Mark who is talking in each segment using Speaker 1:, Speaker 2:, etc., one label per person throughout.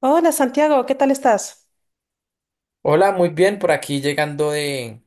Speaker 1: Hola, Santiago, ¿qué tal estás?
Speaker 2: Hola, muy bien, por aquí llegando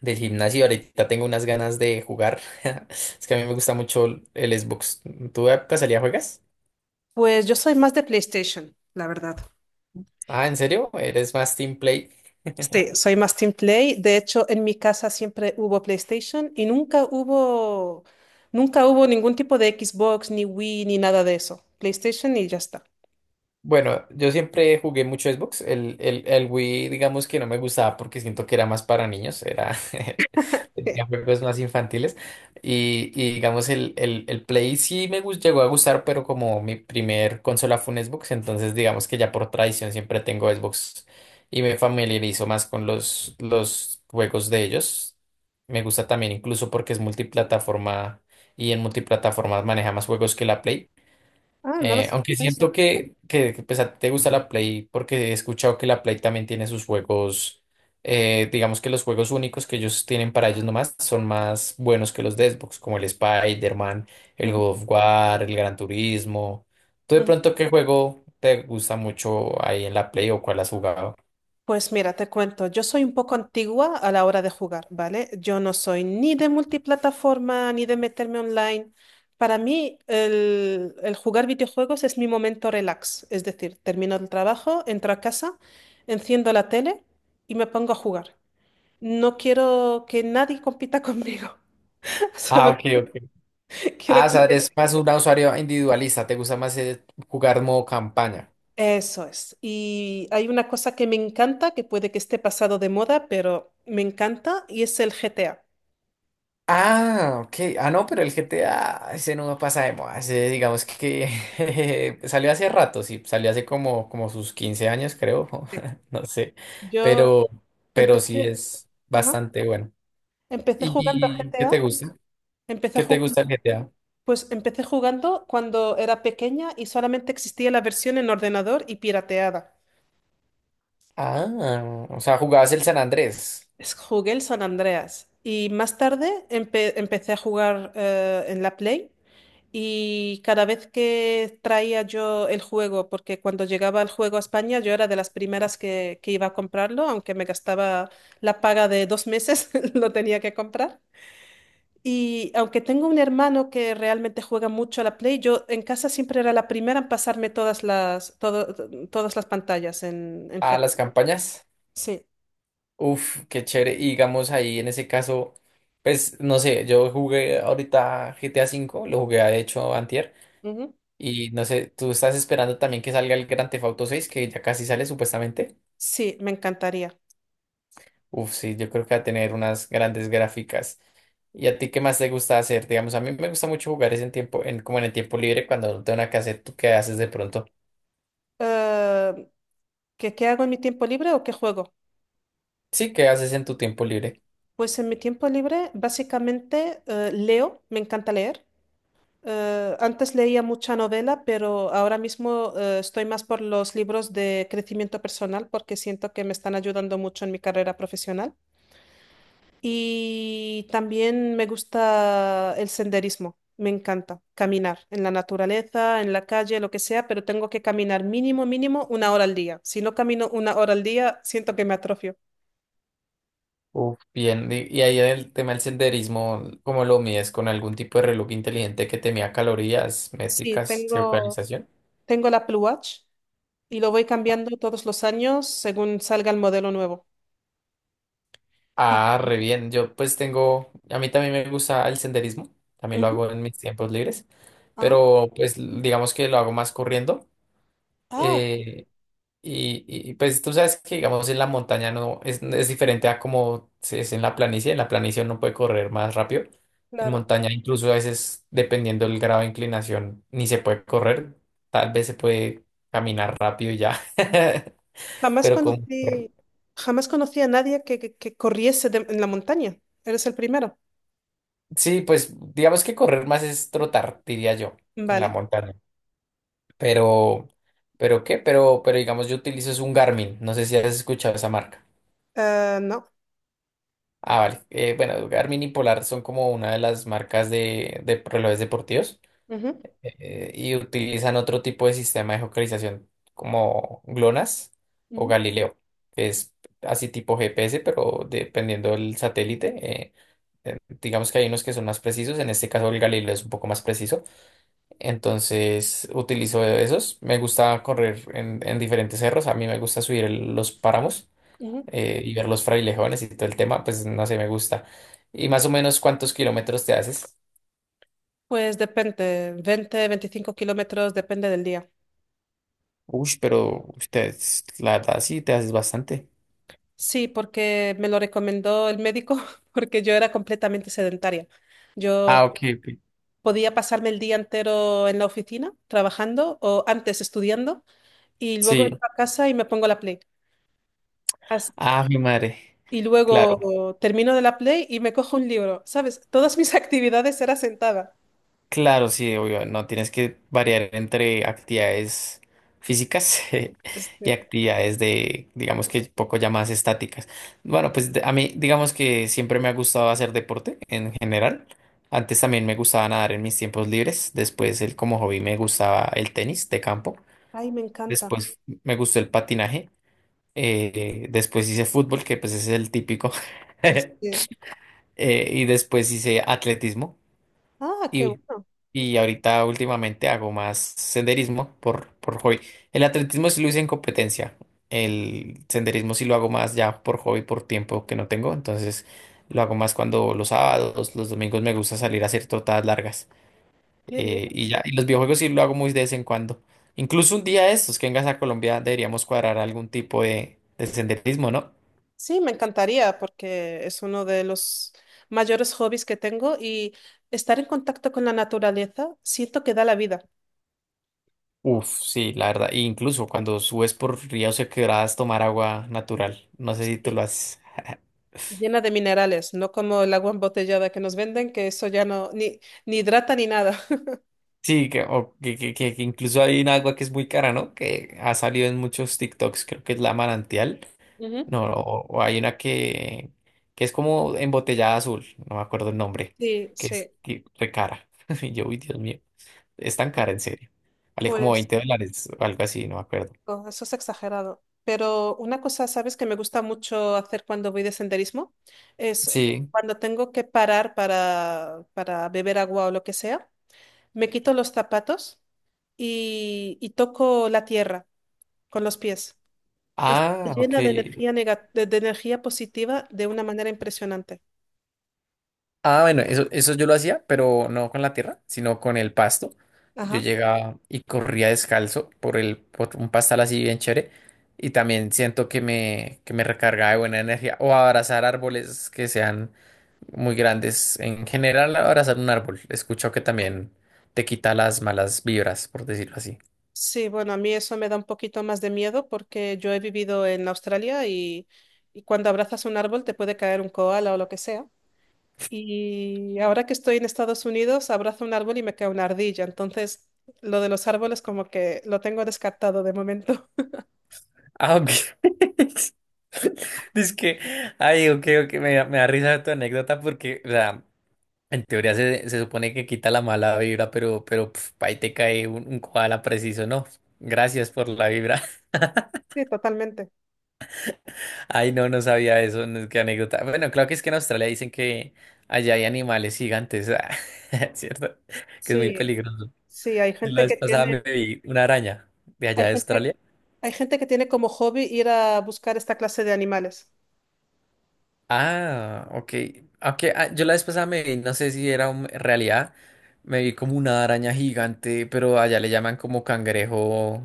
Speaker 2: del gimnasio. Ahorita tengo unas ganas de jugar. Es que a mí me gusta mucho el Xbox. ¿Tú de casualidad juegas?
Speaker 1: Pues yo soy más de PlayStation, la verdad.
Speaker 2: Ah, ¿en serio? ¿Eres más team play?
Speaker 1: Sí, soy más Team Play. De hecho, en mi casa siempre hubo PlayStation y nunca hubo ningún tipo de Xbox, ni Wii, ni nada de eso. PlayStation y ya está.
Speaker 2: Bueno, yo siempre jugué mucho Xbox. El Wii, digamos que no me gustaba porque siento que era más para niños, era tenía juegos más infantiles. Y digamos, el Play llegó a gustar, pero como mi primer consola fue un Xbox, entonces digamos que ya por tradición siempre tengo Xbox y me familiarizo más con los juegos de ellos. Me gusta también incluso porque es multiplataforma y en multiplataformas maneja más juegos que la Play.
Speaker 1: Ah, no lo
Speaker 2: Aunque
Speaker 1: sabía eso.
Speaker 2: siento pues, a ti te gusta la Play porque he escuchado que la Play también tiene sus juegos, digamos que los juegos únicos que ellos tienen para ellos nomás son más buenos que los de Xbox, como el Spider-Man, el
Speaker 1: Ujú,
Speaker 2: God of War, el Gran Turismo. ¿Tú de
Speaker 1: ujú.
Speaker 2: pronto qué juego te gusta mucho ahí en la Play o cuál has jugado?
Speaker 1: Pues mira, te cuento, yo soy un poco antigua a la hora de jugar, ¿vale? Yo no soy ni de multiplataforma ni de meterme online. Para mí, el jugar videojuegos es mi momento relax, es decir, termino el trabajo, entro a casa, enciendo la tele y me pongo a jugar. No quiero que nadie compita conmigo,
Speaker 2: Ah,
Speaker 1: solo
Speaker 2: ok, ok.
Speaker 1: que quiero
Speaker 2: Ah, o sea, eres
Speaker 1: competir.
Speaker 2: más un usuario individualista, te gusta más jugar modo campaña.
Speaker 1: Eso es. Y hay una cosa que me encanta, que puede que esté pasado de moda, pero me encanta y es el GTA.
Speaker 2: Ah, ok. Ah, no, pero el GTA, ese no pasa de moda. Ese, digamos que jeje, salió hace rato, sí. Salió hace como, como sus 15 años, creo. No sé.
Speaker 1: Yo
Speaker 2: Pero, pero sí
Speaker 1: Empecé,
Speaker 2: es
Speaker 1: ajá,
Speaker 2: bastante bueno.
Speaker 1: empecé jugando a
Speaker 2: ¿Y qué
Speaker 1: GTA.
Speaker 2: te gusta?
Speaker 1: Empecé
Speaker 2: ¿Qué te
Speaker 1: jugando,
Speaker 2: gusta el GTA?
Speaker 1: pues empecé jugando cuando era pequeña y solamente existía la versión en ordenador y pirateada.
Speaker 2: Ah, o sea, jugabas el San Andrés
Speaker 1: Jugué el San Andreas y más tarde empecé a jugar en la Play y cada vez que traía yo el juego, porque cuando llegaba el juego a España yo era de las primeras que iba a comprarlo, aunque me gastaba la paga de 2 meses, lo tenía que comprar. Y aunque tengo un hermano que realmente juega mucho a la Play, yo en casa siempre era la primera en pasarme todas las pantallas en
Speaker 2: a
Speaker 1: GTA.
Speaker 2: las campañas.
Speaker 1: Sí,
Speaker 2: Uf, qué chévere. Y digamos ahí en ese caso, pues no sé, yo jugué ahorita GTA 5, lo jugué de hecho antier.
Speaker 1: ujú.
Speaker 2: Y no sé, tú estás esperando también que salga el Grand Theft Auto 6, que ya casi sale supuestamente.
Speaker 1: Sí, me encantaría.
Speaker 2: Uf, sí, yo creo que va a tener unas grandes gráficas. ¿Y a ti qué más te gusta hacer? Digamos, a mí me gusta mucho jugar es en tiempo, en, como en el tiempo libre, cuando no tengo nada que hacer, ¿tú qué haces de pronto?
Speaker 1: Eh, ¿qué hago en mi tiempo libre o qué juego?
Speaker 2: Sí, ¿qué haces en tu tiempo libre?
Speaker 1: Pues en mi tiempo libre básicamente leo, me encanta leer. Antes leía mucha novela, pero ahora mismo estoy más por los libros de crecimiento personal porque siento que me están ayudando mucho en mi carrera profesional. Y también me gusta el senderismo, me encanta caminar en la naturaleza, en la calle, lo que sea, pero tengo que caminar mínimo, mínimo 1 hora al día. Si no camino 1 hora al día, siento que me atrofio.
Speaker 2: Uf, bien. Y ahí el tema del senderismo, ¿cómo lo mides? ¿Con algún tipo de reloj inteligente que te mida calorías,
Speaker 1: Sí,
Speaker 2: métricas, geocalización?
Speaker 1: tengo el Apple Watch y lo voy cambiando todos los años según salga el modelo nuevo. Y,
Speaker 2: Ah, re bien. Yo pues tengo, a mí también me gusta el senderismo, también lo
Speaker 1: ujú,
Speaker 2: hago en mis tiempos libres,
Speaker 1: ajá.
Speaker 2: pero pues digamos que lo hago más corriendo.
Speaker 1: Ah, qué-
Speaker 2: eh, pues tú sabes que digamos en la montaña no es, es diferente a como es en la planicie uno puede correr más rápido. En
Speaker 1: claro.
Speaker 2: montaña incluso a veces dependiendo del grado de inclinación ni se puede correr, tal vez se puede caminar rápido y ya,
Speaker 1: Jamás
Speaker 2: pero como...
Speaker 1: conocí, jamás conocí a nadie que corriese en la montaña. Eres el primero.
Speaker 2: Sí, pues digamos que correr más es trotar, diría yo, en la
Speaker 1: Vale.
Speaker 2: montaña. Pero, ¿Pero qué? Pero digamos, yo utilizo es un Garmin. No sé si has escuchado esa marca.
Speaker 1: No.
Speaker 2: Ah, vale. Bueno, Garmin y Polar son como una de las marcas de relojes deportivos
Speaker 1: Ujú.
Speaker 2: y utilizan otro tipo de sistema de geocalización como GLONASS o
Speaker 1: Ujú,
Speaker 2: Galileo, que es así tipo GPS, pero dependiendo del satélite. eh, digamos que hay unos que son más precisos, en este caso el Galileo es un poco más preciso. Entonces utilizo esos. Me gusta correr en diferentes cerros. A mí me gusta subir los páramos
Speaker 1: ujú.
Speaker 2: y ver los frailejones y todo el tema. Pues no sé, me gusta. ¿Y más o menos cuántos kilómetros te haces?
Speaker 1: Pues depende, 20, 25 kilómetros, depende del día.
Speaker 2: Uy, pero ush, la verdad sí te haces bastante.
Speaker 1: Sí, porque me lo recomendó el médico, porque yo era completamente sedentaria.
Speaker 2: Ah,
Speaker 1: Yo
Speaker 2: ok, ok.
Speaker 1: podía pasarme el día entero en la oficina trabajando o antes estudiando y luego entro
Speaker 2: Sí.
Speaker 1: a casa y me pongo la Play. As-
Speaker 2: Ah, mi madre.
Speaker 1: Y
Speaker 2: Claro.
Speaker 1: luego termino de la Play y me cojo un libro, ¿sabes? Todas mis actividades eran sentada.
Speaker 2: Claro, sí, obvio, no tienes que variar entre actividades físicas y
Speaker 1: Este,
Speaker 2: actividades de, digamos que poco ya más estáticas. Bueno, a mí, digamos que siempre me ha gustado hacer deporte en general. Antes también me gustaba nadar en mis tiempos libres. Después, el, como hobby, me gustaba el tenis de campo.
Speaker 1: ay, me encanta.
Speaker 2: Después me gustó el patinaje. Después hice fútbol, que pues es el típico.
Speaker 1: Este,
Speaker 2: Y después hice atletismo.
Speaker 1: ah, qué
Speaker 2: Y,
Speaker 1: bueno,
Speaker 2: y ahorita últimamente hago más senderismo por hobby. El atletismo sí lo hice en competencia. El senderismo sí lo hago más ya por hobby, por tiempo que no tengo. Entonces lo hago más cuando los sábados, los domingos me gusta salir a hacer trotadas largas.
Speaker 1: qué bien.
Speaker 2: Y ya, y los videojuegos sí lo hago muy de vez en cuando. Incluso un día de estos que vengas a Colombia deberíamos cuadrar algún tipo de senderismo, ¿no?
Speaker 1: Sí, me encantaría porque es uno de los mayores hobbies que tengo y estar en contacto con la naturaleza siento que da la vida.
Speaker 2: Uf, sí, la verdad. E incluso cuando subes por ríos o quebradas, tomar agua natural. No sé si tú
Speaker 1: Sí,
Speaker 2: lo haces.
Speaker 1: llena de minerales, no como el agua embotellada que nos venden, que eso ya no, ni, ni hidrata ni nada.
Speaker 2: Sí, que, o que incluso hay un agua que es muy cara, ¿no? Que ha salido en muchos TikToks, creo que es la manantial.
Speaker 1: Ujú.
Speaker 2: No, o hay una que es como embotellada azul, no me acuerdo el nombre,
Speaker 1: Sí, sí.
Speaker 2: que, re cara. Y yo, uy, Dios mío, es tan cara, en serio. Vale como
Speaker 1: Pues
Speaker 2: 20 dólares o algo así, no me acuerdo.
Speaker 1: oh, eso es exagerado. Pero una cosa, ¿sabes?, que me gusta mucho hacer cuando voy de senderismo es
Speaker 2: Sí.
Speaker 1: cuando tengo que parar para beber agua o lo que sea. Me quito los zapatos y toco la tierra con los pies. Está
Speaker 2: Ah, ok.
Speaker 1: llena de de energía positiva de una manera impresionante.
Speaker 2: Ah, bueno, eso yo lo hacía, pero no con la tierra, sino con el pasto. Yo
Speaker 1: Ajá.
Speaker 2: llegaba y corría descalzo por un pastal así bien chévere. Y también siento que me recargaba de buena energía. O abrazar árboles que sean muy grandes. En general, abrazar un árbol. He escuchado que también te quita las malas vibras, por decirlo así.
Speaker 1: Sí, bueno, a mí eso me da un poquito más de miedo porque yo he vivido en Australia y cuando abrazas un árbol te puede caer un koala o lo que sea. Y ahora que estoy en Estados Unidos, abrazo un árbol y me cae una ardilla. Entonces, lo de los árboles como que lo tengo descartado de momento.
Speaker 2: Ah, ok. Dice que, ay, ok, ok, me da risa tu anécdota porque, o sea, en teoría se supone que quita la mala vibra, pero pf, ahí te cae un koala preciso, ¿no? Gracias por la vibra.
Speaker 1: Sí, totalmente.
Speaker 2: Ay, no, no sabía eso, no, qué anécdota. Bueno, claro que es que en Australia dicen que allá hay animales gigantes, ah, ¿cierto? Que es muy
Speaker 1: Sí,
Speaker 2: peligroso.
Speaker 1: sí, hay
Speaker 2: Yo la
Speaker 1: gente
Speaker 2: vez
Speaker 1: que
Speaker 2: pasada
Speaker 1: tiene.
Speaker 2: me vi una araña de allá
Speaker 1: Hay
Speaker 2: de
Speaker 1: gente,
Speaker 2: Australia.
Speaker 1: hay gente que tiene como hobby ir a buscar esta clase de animales.
Speaker 2: Ah, ok. Ok, ah, yo la vez pasada me vi, no sé si era realidad, me vi como una araña gigante, pero allá le llaman como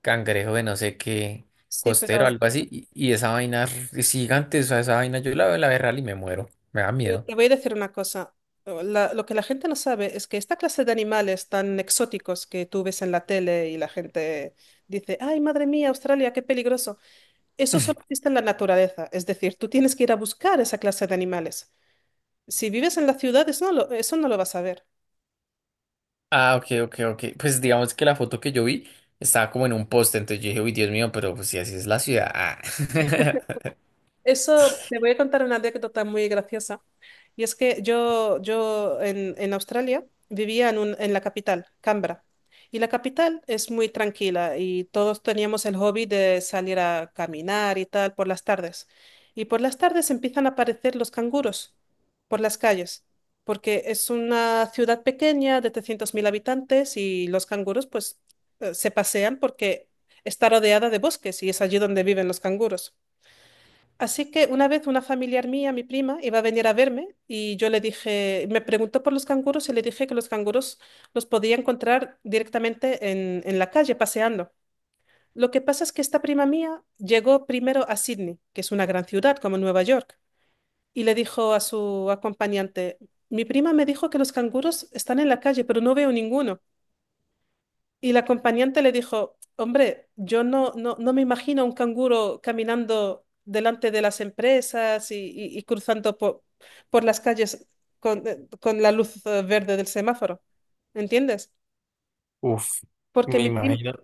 Speaker 2: cangrejo de no sé qué,
Speaker 1: Sí,
Speaker 2: costero,
Speaker 1: pero
Speaker 2: algo así, y esa vaina es gigante, o sea, esa vaina yo la veo real y me muero, me da
Speaker 1: yo
Speaker 2: miedo.
Speaker 1: te voy a decir una cosa. Oh, lo que la gente no sabe es que esta clase de animales tan exóticos que tú ves en la tele y la gente dice, ay, madre mía, Australia, qué peligroso. Eso solo existe en la naturaleza. Es decir, tú tienes que ir a buscar esa clase de animales. Si vives en la ciudad, eso no lo vas a ver.
Speaker 2: Ah, ok, ok, ok, pues digamos que la foto que yo vi estaba como en un poste, entonces yo dije, uy, Dios mío, pero pues si así es la ciudad. Ah".
Speaker 1: Eso, te voy a contar una anécdota muy graciosa. Y es que yo en Australia vivía en, en la capital, Canberra. Y la capital es muy tranquila y todos teníamos el hobby de salir a caminar y tal por las tardes. Y por las tardes empiezan a aparecer los canguros por las calles, porque es una ciudad pequeña de 300.000 habitantes y los canguros pues se pasean porque está rodeada de bosques y es allí donde viven los canguros. Así que una vez una familiar mía, mi prima, iba a venir a verme y yo le dije, me preguntó por los canguros y le dije que los canguros los podía encontrar directamente en la calle, paseando. Lo que pasa es que esta prima mía llegó primero a Sydney, que es una gran ciudad como Nueva York, y le dijo a su acompañante, mi prima me dijo que los canguros están en la calle, pero no veo ninguno. Y la acompañante le dijo, hombre, yo no me imagino un canguro caminando delante de las empresas y, y cruzando por las calles con la luz verde del semáforo. ¿Entiendes?
Speaker 2: Uf,
Speaker 1: Porque
Speaker 2: me
Speaker 1: mi prim-
Speaker 2: imagino.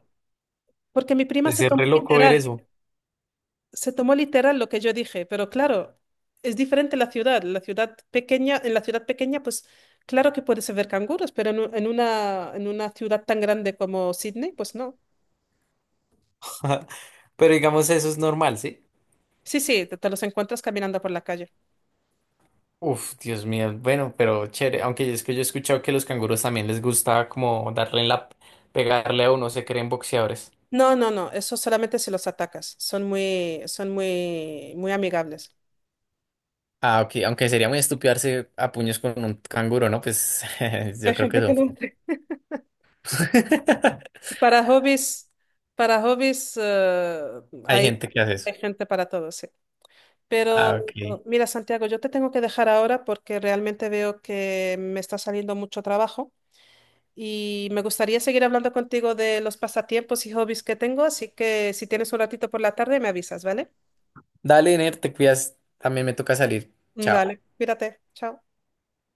Speaker 1: porque mi prima
Speaker 2: De ser re loco ver eso.
Speaker 1: se tomó literal lo que yo dije, pero claro, es diferente la ciudad. La ciudad pequeña, en la ciudad pequeña, pues claro que puedes ver canguros, pero en, en una ciudad tan grande como Sydney, pues no.
Speaker 2: Pero digamos, eso es normal, ¿sí?
Speaker 1: Sí, sí, te los encuentras caminando por la calle.
Speaker 2: Uf, Dios mío. Bueno, pero chévere. Aunque es que yo he escuchado que los canguros también les gusta como darle en la... pegarle a uno, se creen boxeadores.
Speaker 1: No, no, no, eso solamente si los atacas. Son muy, muy amigables.
Speaker 2: Ah, ok, aunque sería muy estúpido darse a puños con un canguro, ¿no? Pues yo
Speaker 1: Hay
Speaker 2: creo que
Speaker 1: gente que
Speaker 2: son
Speaker 1: lo
Speaker 2: flojos.
Speaker 1: hace. Para hobbies, para hobbies,
Speaker 2: Hay
Speaker 1: hay,
Speaker 2: gente que hace eso.
Speaker 1: hay gente para todo, sí.
Speaker 2: Ah,
Speaker 1: Pero
Speaker 2: ok.
Speaker 1: mira, Santiago, yo te tengo que dejar ahora porque realmente veo que me está saliendo mucho trabajo y me gustaría seguir hablando contigo de los pasatiempos y hobbies que tengo, así que si tienes un ratito por la tarde me avisas, ¿vale?
Speaker 2: Dale, Ner, te cuidas. También me toca salir. Chao.
Speaker 1: Vale, cuídate, chao.